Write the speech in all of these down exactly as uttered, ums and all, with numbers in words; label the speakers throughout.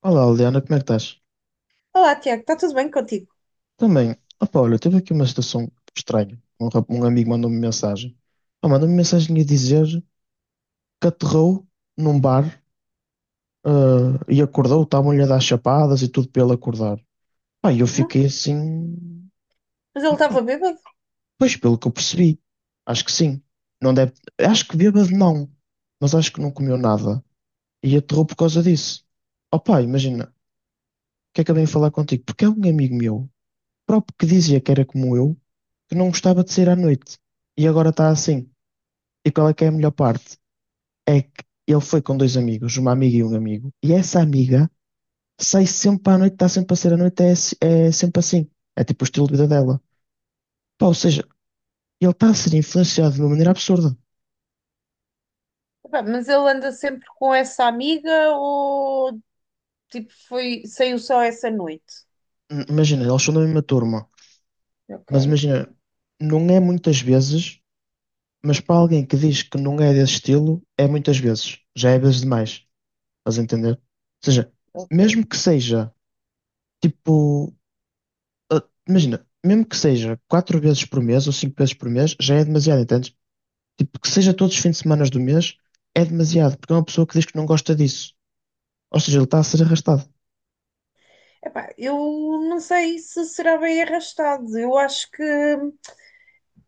Speaker 1: Olá, Liliana, como é que estás?
Speaker 2: Olá, Tiago, está tudo bem contigo?
Speaker 1: Também, opa, olha, teve aqui uma situação estranha. Um, rap- um amigo mandou-me mensagem. Ah, mandou-me mensagem a dizer que aterrou num bar, ah, e acordou, estavam-lhe a dar chapadas e tudo para ele acordar. Pá, e eu
Speaker 2: Não?
Speaker 1: fiquei assim,
Speaker 2: Mas ele estava bêbado?
Speaker 1: pois pelo que eu percebi, acho que sim. Não deve, acho que bêbado não, mas acho que não comeu nada. E aterrou por causa disso. Opa, imagina, o que é que eu venho falar contigo? Porque é um amigo meu próprio que dizia que era como eu, que não gostava de sair à noite. E agora está assim. E qual é que é a melhor parte? É que ele foi com dois amigos, uma amiga e um amigo, e essa amiga sai sempre à noite, está sempre a sair à noite, é, se- é sempre assim. É tipo o estilo de vida dela. Pá, ou seja, ele está a ser influenciado de uma maneira absurda.
Speaker 2: Epá, mas ele anda sempre com essa amiga ou tipo foi, saiu só essa noite?
Speaker 1: N- Imagina, eles são da mesma turma,
Speaker 2: Ok,
Speaker 1: mas imagina, não é muitas vezes, mas para alguém que diz que não é desse estilo, é muitas vezes. Já é vezes demais. Estás a entender? Ou seja,
Speaker 2: ok.
Speaker 1: mesmo que seja. Tipo, ah, imagina, mesmo que seja quatro vezes por mês ou cinco vezes por mês, já é demasiado, entendes? Tipo, que seja todos os fins de semana do mês, é demasiado, porque é uma pessoa que diz que não gosta disso. Ou seja, ele está a ser arrastado.
Speaker 2: Epá, eu não sei se será bem arrastado. Eu acho que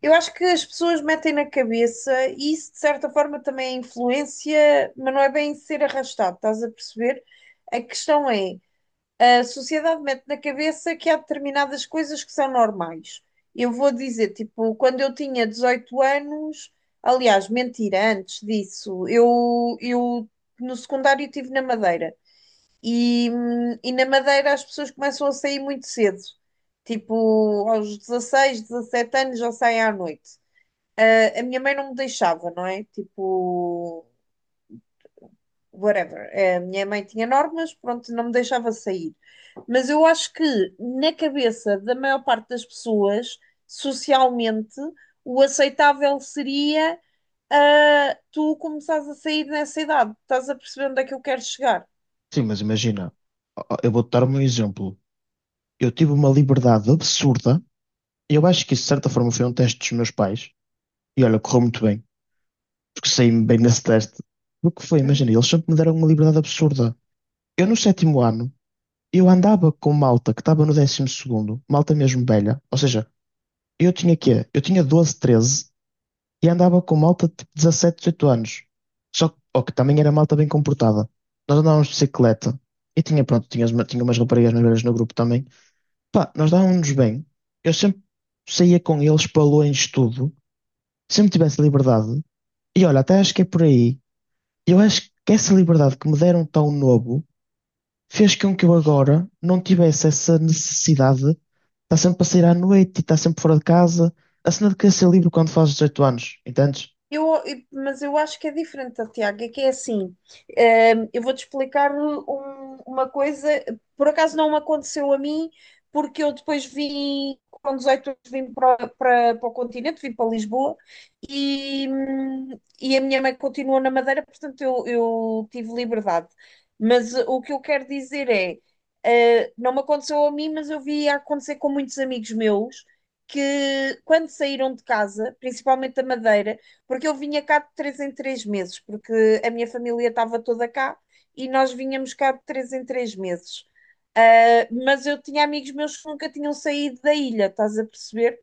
Speaker 2: eu acho que as pessoas metem na cabeça e isso de certa forma também é influência, mas não é bem ser arrastado, estás a perceber? A questão é a sociedade mete na cabeça que há determinadas coisas que são normais. Eu vou dizer, tipo, quando eu tinha dezoito anos, aliás, mentira, antes disso, eu, eu no secundário estive na Madeira. E, hum, e na Madeira as pessoas começam a sair muito cedo. Tipo, aos dezasseis dezassete anos já saem à noite. Ah, a minha mãe não me deixava, não é? Tipo, whatever. É, A minha mãe tinha normas, pronto, não me deixava sair. Mas eu acho que na cabeça da maior parte das pessoas, socialmente, o aceitável seria ah, tu começares a sair nessa idade. Estás a perceber onde é que eu quero chegar?
Speaker 1: Sim, mas imagina, ó, ó, eu vou-te dar um exemplo. Eu tive uma liberdade absurda, e eu acho que isso, de certa forma, foi um teste dos meus pais. E olha, correu muito bem, porque saí-me bem nesse teste. O que foi, imagina, eles sempre me deram uma liberdade absurda. Eu, no sétimo ano, eu andava com malta que estava no décimo segundo, malta mesmo velha, ou seja, eu tinha quê? Eu tinha doze, treze e andava com malta de tipo dezassete, dezoito anos. Só que, ó, que também era malta bem comportada. Nós andávamos de bicicleta e tinha, pronto, tinha, uma- tinha umas raparigas mais velhas no grupo também. Pá, nós dávamos-nos bem. Eu sempre saía com eles para longe de tudo, sempre tivesse liberdade. E olha, até acho que é por aí. Eu acho que essa liberdade que me deram tão novo fez com que eu agora não tivesse essa necessidade de estar sempre a sair à noite e estar sempre fora de casa. A cena de querer ser livre quando fazes dezoito anos, entendes?
Speaker 2: Eu, eu- mas eu acho que é diferente, Tiago, é que é assim, ehm, eu vou-te explicar um- uma coisa, por acaso não me aconteceu a mim, porque eu depois vim, com dezoito anos vim para, para, para o continente, vim para Lisboa, e, hum, e a minha mãe continuou na Madeira, portanto eu, eu tive liberdade. Mas eh, o que eu quero dizer é, eh, não me aconteceu a mim, mas eu vi acontecer com muitos amigos meus, que quando saíram de casa, principalmente da Madeira, porque eu vinha cá de três em três meses, porque a minha família estava toda cá e nós vinhamos cá de três em três meses. Ah, Mas eu tinha amigos meus que nunca tinham saído da ilha, estás a perceber?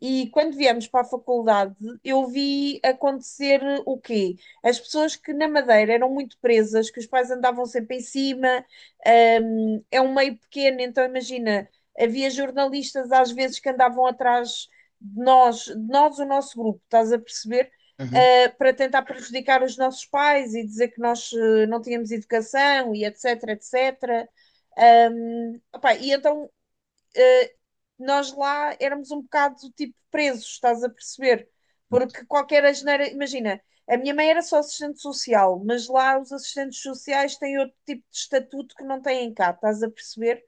Speaker 2: E quando viemos para a faculdade, eu vi acontecer o quê? As pessoas que na Madeira eram muito presas, que os pais andavam sempre em cima, hum, é um meio pequeno, então imagina, havia jornalistas às vezes que andavam atrás de nós, de nós, o nosso grupo, estás a perceber?
Speaker 1: Uhum.
Speaker 2: Uh, para tentar prejudicar os nossos pais e dizer que nós uh, não tínhamos educação e etc, etcétera. Um, opá, e então nós lá éramos um bocado tipo presos, estás a perceber? Porque qualquer asneira, imagina, a minha mãe era só assistente social, mas lá os assistentes sociais têm outro tipo de estatuto que não têm cá, estás a perceber?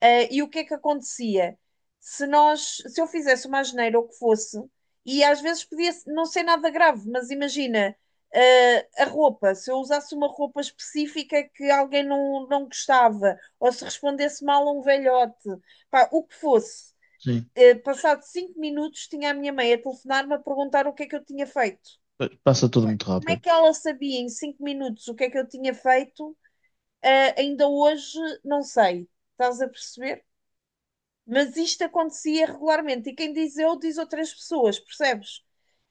Speaker 2: Eh, e o que é que acontecia? Se nós, se eu fizesse uma asneira ou o que fosse, e às vezes podia não ser nada grave, mas imagina, eh, a roupa, se eu usasse uma roupa específica que alguém não, não gostava, ou se respondesse mal a um velhote, pá, o que fosse,
Speaker 1: Sim.
Speaker 2: eh, passado cinco minutos, tinha a minha mãe a telefonar-me a perguntar o que é que eu tinha feito.
Speaker 1: pa- Passa tudo muito
Speaker 2: Como é
Speaker 1: rápido.
Speaker 2: que ela sabia em cinco minutos o que é que eu tinha feito? Eh, ainda hoje não sei. Estás a perceber? Mas isto acontecia regularmente. E quem diz eu, diz outras pessoas, percebes?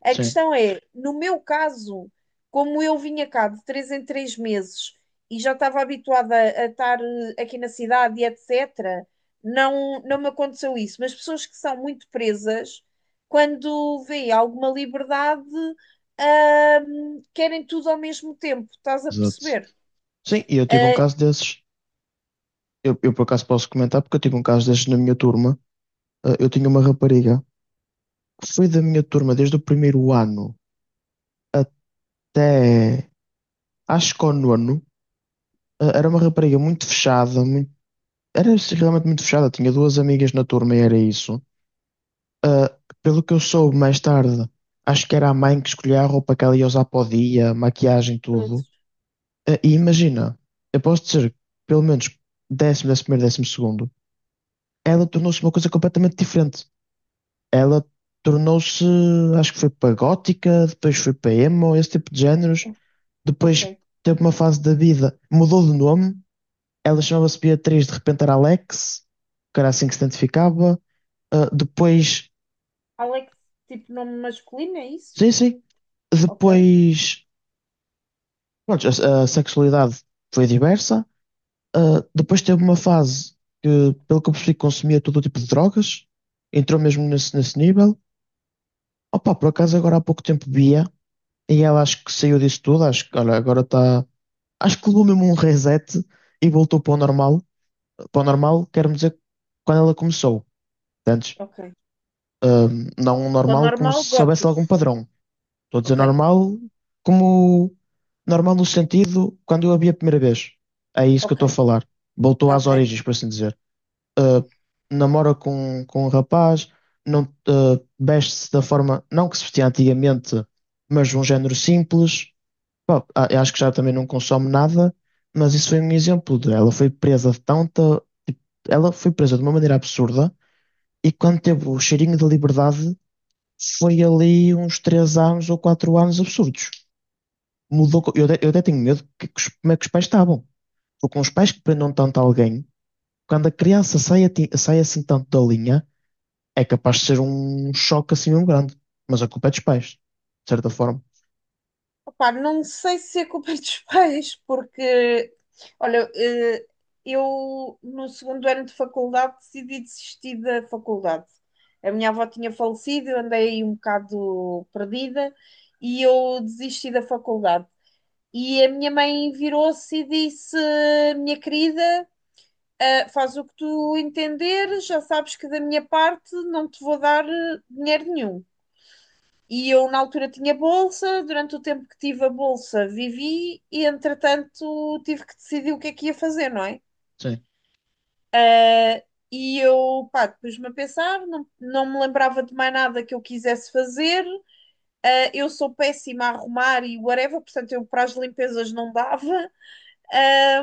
Speaker 2: A
Speaker 1: Sim.
Speaker 2: questão é, no meu caso, como eu vinha cá de três em três meses e já estava habituada a estar eh, aqui na cidade e etcétera, não, não me aconteceu isso. Mas pessoas que são muito presas, quando vêem alguma liberdade, ahm, querem tudo ao mesmo tempo, estás a
Speaker 1: Exato.
Speaker 2: perceber?
Speaker 1: Sim, e eu tive um
Speaker 2: Ah,
Speaker 1: caso desses. Eu, eu por acaso posso comentar porque eu tive um caso desses na minha turma. Ah, Eu tinha uma rapariga que foi da minha turma desde o primeiro ano até acho que ao nono. Ah, Era uma rapariga muito fechada, muito, era realmente muito fechada. Tinha duas amigas na turma e era isso. Ah, Pelo que eu soube mais tarde, acho que era a mãe que escolhia a roupa que ela ia usar para o dia, maquiagem, tudo.
Speaker 2: Trouxe.
Speaker 1: Ah, e imagina, eu posso dizer, que pelo menos décimo, décimo primeiro, décimo segundo, ela tornou-se uma coisa completamente diferente. Ela tornou-se, acho que foi para gótica, depois foi para emo, esse tipo de géneros. Depois
Speaker 2: Ok.
Speaker 1: teve uma fase da vida, mudou de nome, ela chamava-se Beatriz, de repente era Alex, que era assim que se identificava. Ah, depois,
Speaker 2: Alex, tipo nome masculino, é isso?
Speaker 1: sim, sim.
Speaker 2: Ok,
Speaker 1: Depois, pronto, a, a sexualidade foi diversa. Ah, depois teve uma fase que, pelo que eu percebi, consumia todo o tipo de drogas. Entrou mesmo nesse, nesse nível. Opa, por acaso agora há pouco tempo via e ela acho que saiu disso tudo. Acho que olha, agora está. Acho que levou mesmo um reset e voltou para o normal. Para o normal, quero dizer, quando ela começou. Antes,
Speaker 2: ok.
Speaker 1: não um
Speaker 2: Para
Speaker 1: normal como se
Speaker 2: normal,
Speaker 1: soubesse algum
Speaker 2: gótico.
Speaker 1: padrão. Estou a dizer
Speaker 2: Ok,
Speaker 1: normal, como normal no sentido quando eu a vi a primeira vez. É isso que eu
Speaker 2: ok,
Speaker 1: estou a falar. Voltou às
Speaker 2: ok.
Speaker 1: origens, por assim dizer. Ah, Namora com, com um rapaz, não, ah, veste-se da forma, não que se vestia antigamente, mas de um género simples. Bom, a- eu acho que já também não consome nada, mas isso foi um exemplo de ela foi presa de tanta. Tipo, ela foi presa de uma maneira absurda e quando teve o cheirinho da liberdade foi ali uns três anos ou quatro anos absurdos mudou. co- Eu até, eu até tenho medo que, que os- como é que os pais estavam. Ou com os pais que prendam tanto alguém, quando a criança sai, ati- sai assim tanto da linha, é capaz de ser um choque assim mesmo grande. Mas a culpa é dos pais, de certa forma.
Speaker 2: Opa, não sei se é culpa dos pais, porque, olha, eh, eu no segundo ano de faculdade decidi desistir da faculdade. A minha avó tinha falecido, eu andei aí um bocado perdida e eu desisti da faculdade. E a minha mãe virou-se e disse: Minha querida, ah, faz o que tu entenderes, já sabes que da minha parte não te vou dar eh, dinheiro nenhum. E eu, na altura, tinha bolsa. Durante o tempo que tive a bolsa, vivi e, entretanto, tive que decidir o que é que ia fazer, não é?
Speaker 1: Sim.
Speaker 2: E eu, pá, pus-me a pensar, não, não me lembrava de mais nada que eu quisesse fazer. Ah, eu sou péssima a arrumar e whatever, portanto, eu para as limpezas não dava. Ah,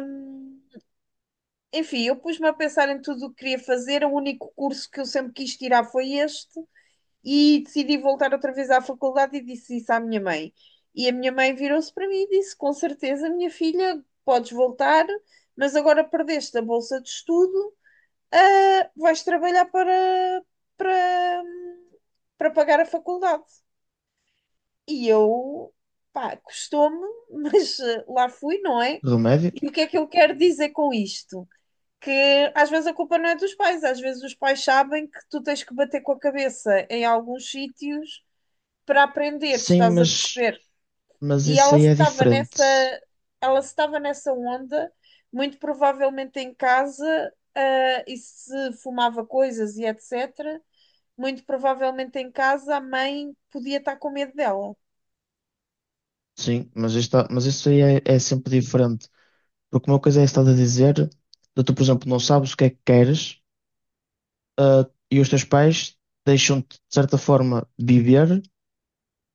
Speaker 2: Enfim, eu pus-me a pensar em tudo o que queria fazer. O único curso que eu sempre quis tirar foi este. E decidi voltar outra vez à faculdade e disse isso à minha mãe. E a minha mãe virou-se para mim e disse: Com certeza, minha filha, podes voltar, mas agora perdeste a bolsa de estudo, ah, vais trabalhar para, para, para pagar a faculdade. E eu, pá, custou-me, mas ah, lá fui, não é?
Speaker 1: Remédio?
Speaker 2: E o que é que eu quero dizer com isto? Que às vezes a culpa não é dos pais, às vezes os pais sabem que tu tens que bater com a cabeça em alguns sítios para aprender,
Speaker 1: Sim,
Speaker 2: estás a
Speaker 1: mas,
Speaker 2: perceber?
Speaker 1: mas
Speaker 2: E
Speaker 1: isso
Speaker 2: ela
Speaker 1: aí é
Speaker 2: estava nessa,
Speaker 1: diferente.
Speaker 2: ela estava nessa onda, muito provavelmente em casa, ah, e se fumava coisas e etcétera. Muito provavelmente em casa a mãe podia estar com medo dela.
Speaker 1: Sim, mas, isto, mas isso aí é, é sempre diferente. Porque uma coisa é estás a dizer, de tu, por exemplo, não sabes o que é que queres, ah, e os teus pais deixam-te, de certa forma, viver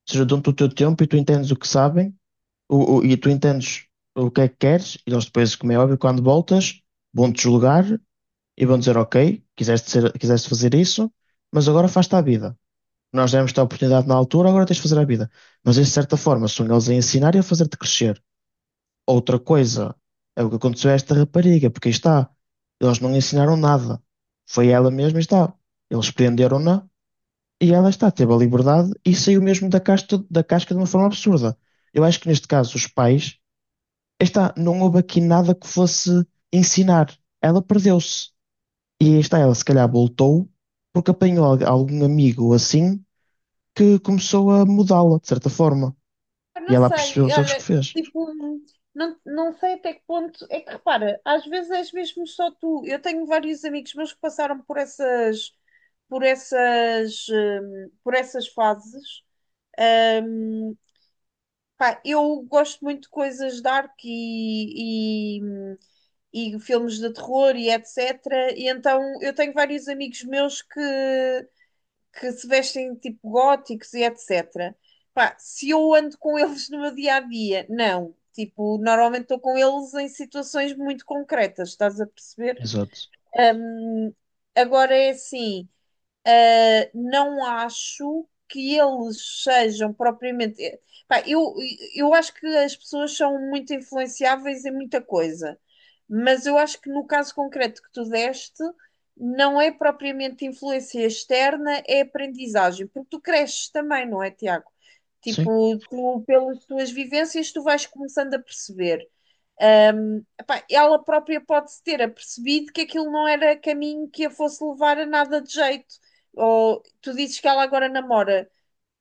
Speaker 1: seja, dão-te o teu tempo e tu entendes o que sabem o, o- e tu entendes o que é que queres e eles depois, como é óbvio, quando voltas, vão-te julgar e vão dizer, ok, quiseste ser, quiseste fazer isso, mas agora faz-te a vida. Nós demos-te a oportunidade na altura, agora tens de fazer a vida. Mas, de certa forma, são eles a ensinar e a fazer-te crescer. Outra coisa é o que aconteceu a esta rapariga, porque aí está, eles não ensinaram nada. Foi ela mesma e está. Eles prenderam-na e ela está, teve a liberdade e saiu mesmo da casca, da casca de uma forma absurda. Eu acho que neste caso os pais, está, não houve aqui nada que fosse ensinar. Ela perdeu-se. E aí está, ela se calhar voltou porque apanhou al- algum amigo ou assim que começou a mudá-la, de certa forma.
Speaker 2: Eu
Speaker 1: E
Speaker 2: não
Speaker 1: ela percebeu
Speaker 2: sei,
Speaker 1: os erros que
Speaker 2: olha,
Speaker 1: fez.
Speaker 2: tipo, não, não sei até que ponto. É que repara, às vezes és mesmo só tu. Eu tenho vários amigos meus que passaram por essas, por essas, hum, por essas fases. hum, Pá, eu gosto muito de coisas dark e, e, e filmes de terror e etcétera. E então eu tenho vários amigos meus que, que se vestem tipo góticos e etcétera. Pá, se eu ando com eles no meu dia a dia, não. Tipo, normalmente estou com eles em situações muito concretas, estás a perceber?
Speaker 1: Exato.
Speaker 2: Agora é assim. Uh, não acho que eles sejam propriamente. Eh, pá, eu, eu acho que as pessoas são muito influenciáveis em muita coisa, mas eu acho que no caso concreto que tu deste, não é propriamente influência externa, é aprendizagem, porque tu cresces também, não é, Tiago?
Speaker 1: Sim.
Speaker 2: Tipo, tu, pelas tuas vivências, tu vais começando a perceber. Epá, ela própria pode-se ter apercebido que aquilo não era caminho que a fosse levar a nada de jeito. Ou tu dizes que ela agora namora.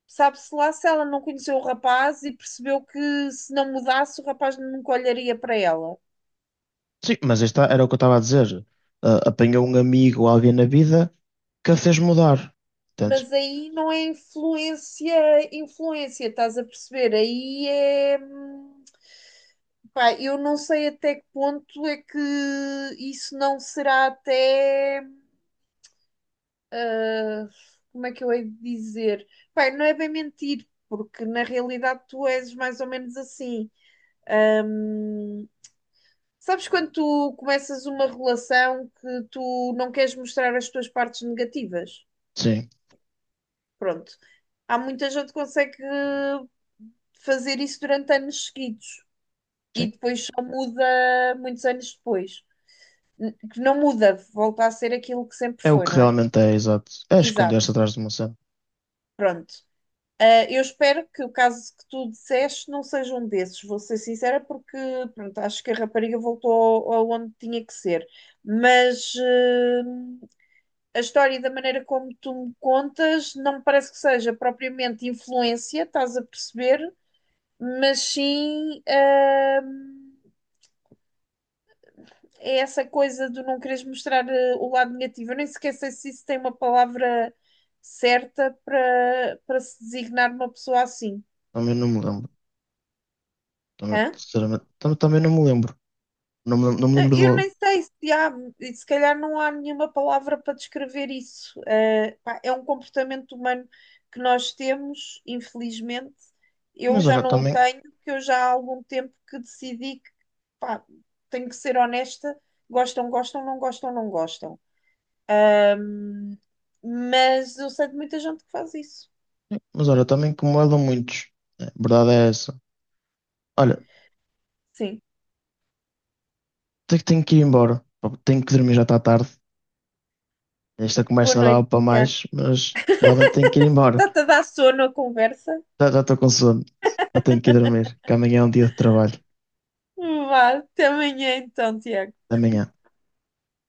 Speaker 2: Sabe-se lá se ela não conheceu o rapaz e percebeu que se não mudasse o rapaz nunca olharia para ela.
Speaker 1: Sim, mas aí está, era o que eu estava a dizer. Ah, apanhou um amigo ou alguém na vida que a fez mudar. Portanto,
Speaker 2: Mas aí não é influência, influência, estás a perceber? Aí é. hum, Pá, eu não sei até que ponto é que isso não será até como é que eu hei de dizer? Pai, não é bem mentir, porque na realidade tu és mais ou menos assim. Hum, sabes quando tu começas uma relação que tu não queres mostrar as tuas partes negativas?
Speaker 1: sim.
Speaker 2: Pronto. Há muita gente que consegue fazer isso durante anos seguidos e
Speaker 1: Sim.
Speaker 2: depois só muda muitos anos depois. Que não muda, volta a ser aquilo que sempre
Speaker 1: É o
Speaker 2: foi,
Speaker 1: que
Speaker 2: não é?
Speaker 1: realmente é, exato. É esconder-se
Speaker 2: Exato.
Speaker 1: atrás de uma cena.
Speaker 2: Pronto. Ah, eu espero que o caso que tu disseste não seja um desses, vou ser sincera, porque pronto, acho que a rapariga voltou ao- aonde tinha que ser. Mas ah, a história da maneira como tu me contas não me parece que seja propriamente influência, estás a perceber? Mas sim, ah, é essa coisa de não quereres mostrar ah, o lado negativo. Eu nem sequer sei se isso tem uma palavra certa para para se designar uma pessoa assim.
Speaker 1: Também não me lembro. Também,
Speaker 2: Hã?
Speaker 1: sinceramente, tam- também não me lembro. Não me, lem- não me
Speaker 2: Eh,
Speaker 1: lembro de
Speaker 2: Eu
Speaker 1: logo.
Speaker 2: nem sei se há, se calhar não há nenhuma palavra para descrever isso. Eh, pá, é um comportamento humano que nós temos, infelizmente. Eu
Speaker 1: Mas
Speaker 2: já
Speaker 1: olha,
Speaker 2: não o
Speaker 1: também,
Speaker 2: tenho, porque eu já há algum tempo que decidi que, pá, tenho que ser honesta. Gostam, gostam, não gostam, não gostam. Mas eu sei de muita gente que faz isso.
Speaker 1: mas olha, também como ela muitos. Né? A verdade é essa. Olha,
Speaker 2: Sim.
Speaker 1: tenho, tenho que ir embora. Pá, tenho que dormir, já está tarde. Esta
Speaker 2: Boa
Speaker 1: conversa não dava
Speaker 2: noite,
Speaker 1: para
Speaker 2: Tiago.
Speaker 1: mais, mas realmente tenho que ir embora.
Speaker 2: Está-te a dar sono a conversa?
Speaker 1: Já já estou com sono. Já tenho que ir dormir, que amanhã é um dia de trabalho.
Speaker 2: Vá, até amanhã então, Tiago.
Speaker 1: Até amanhã.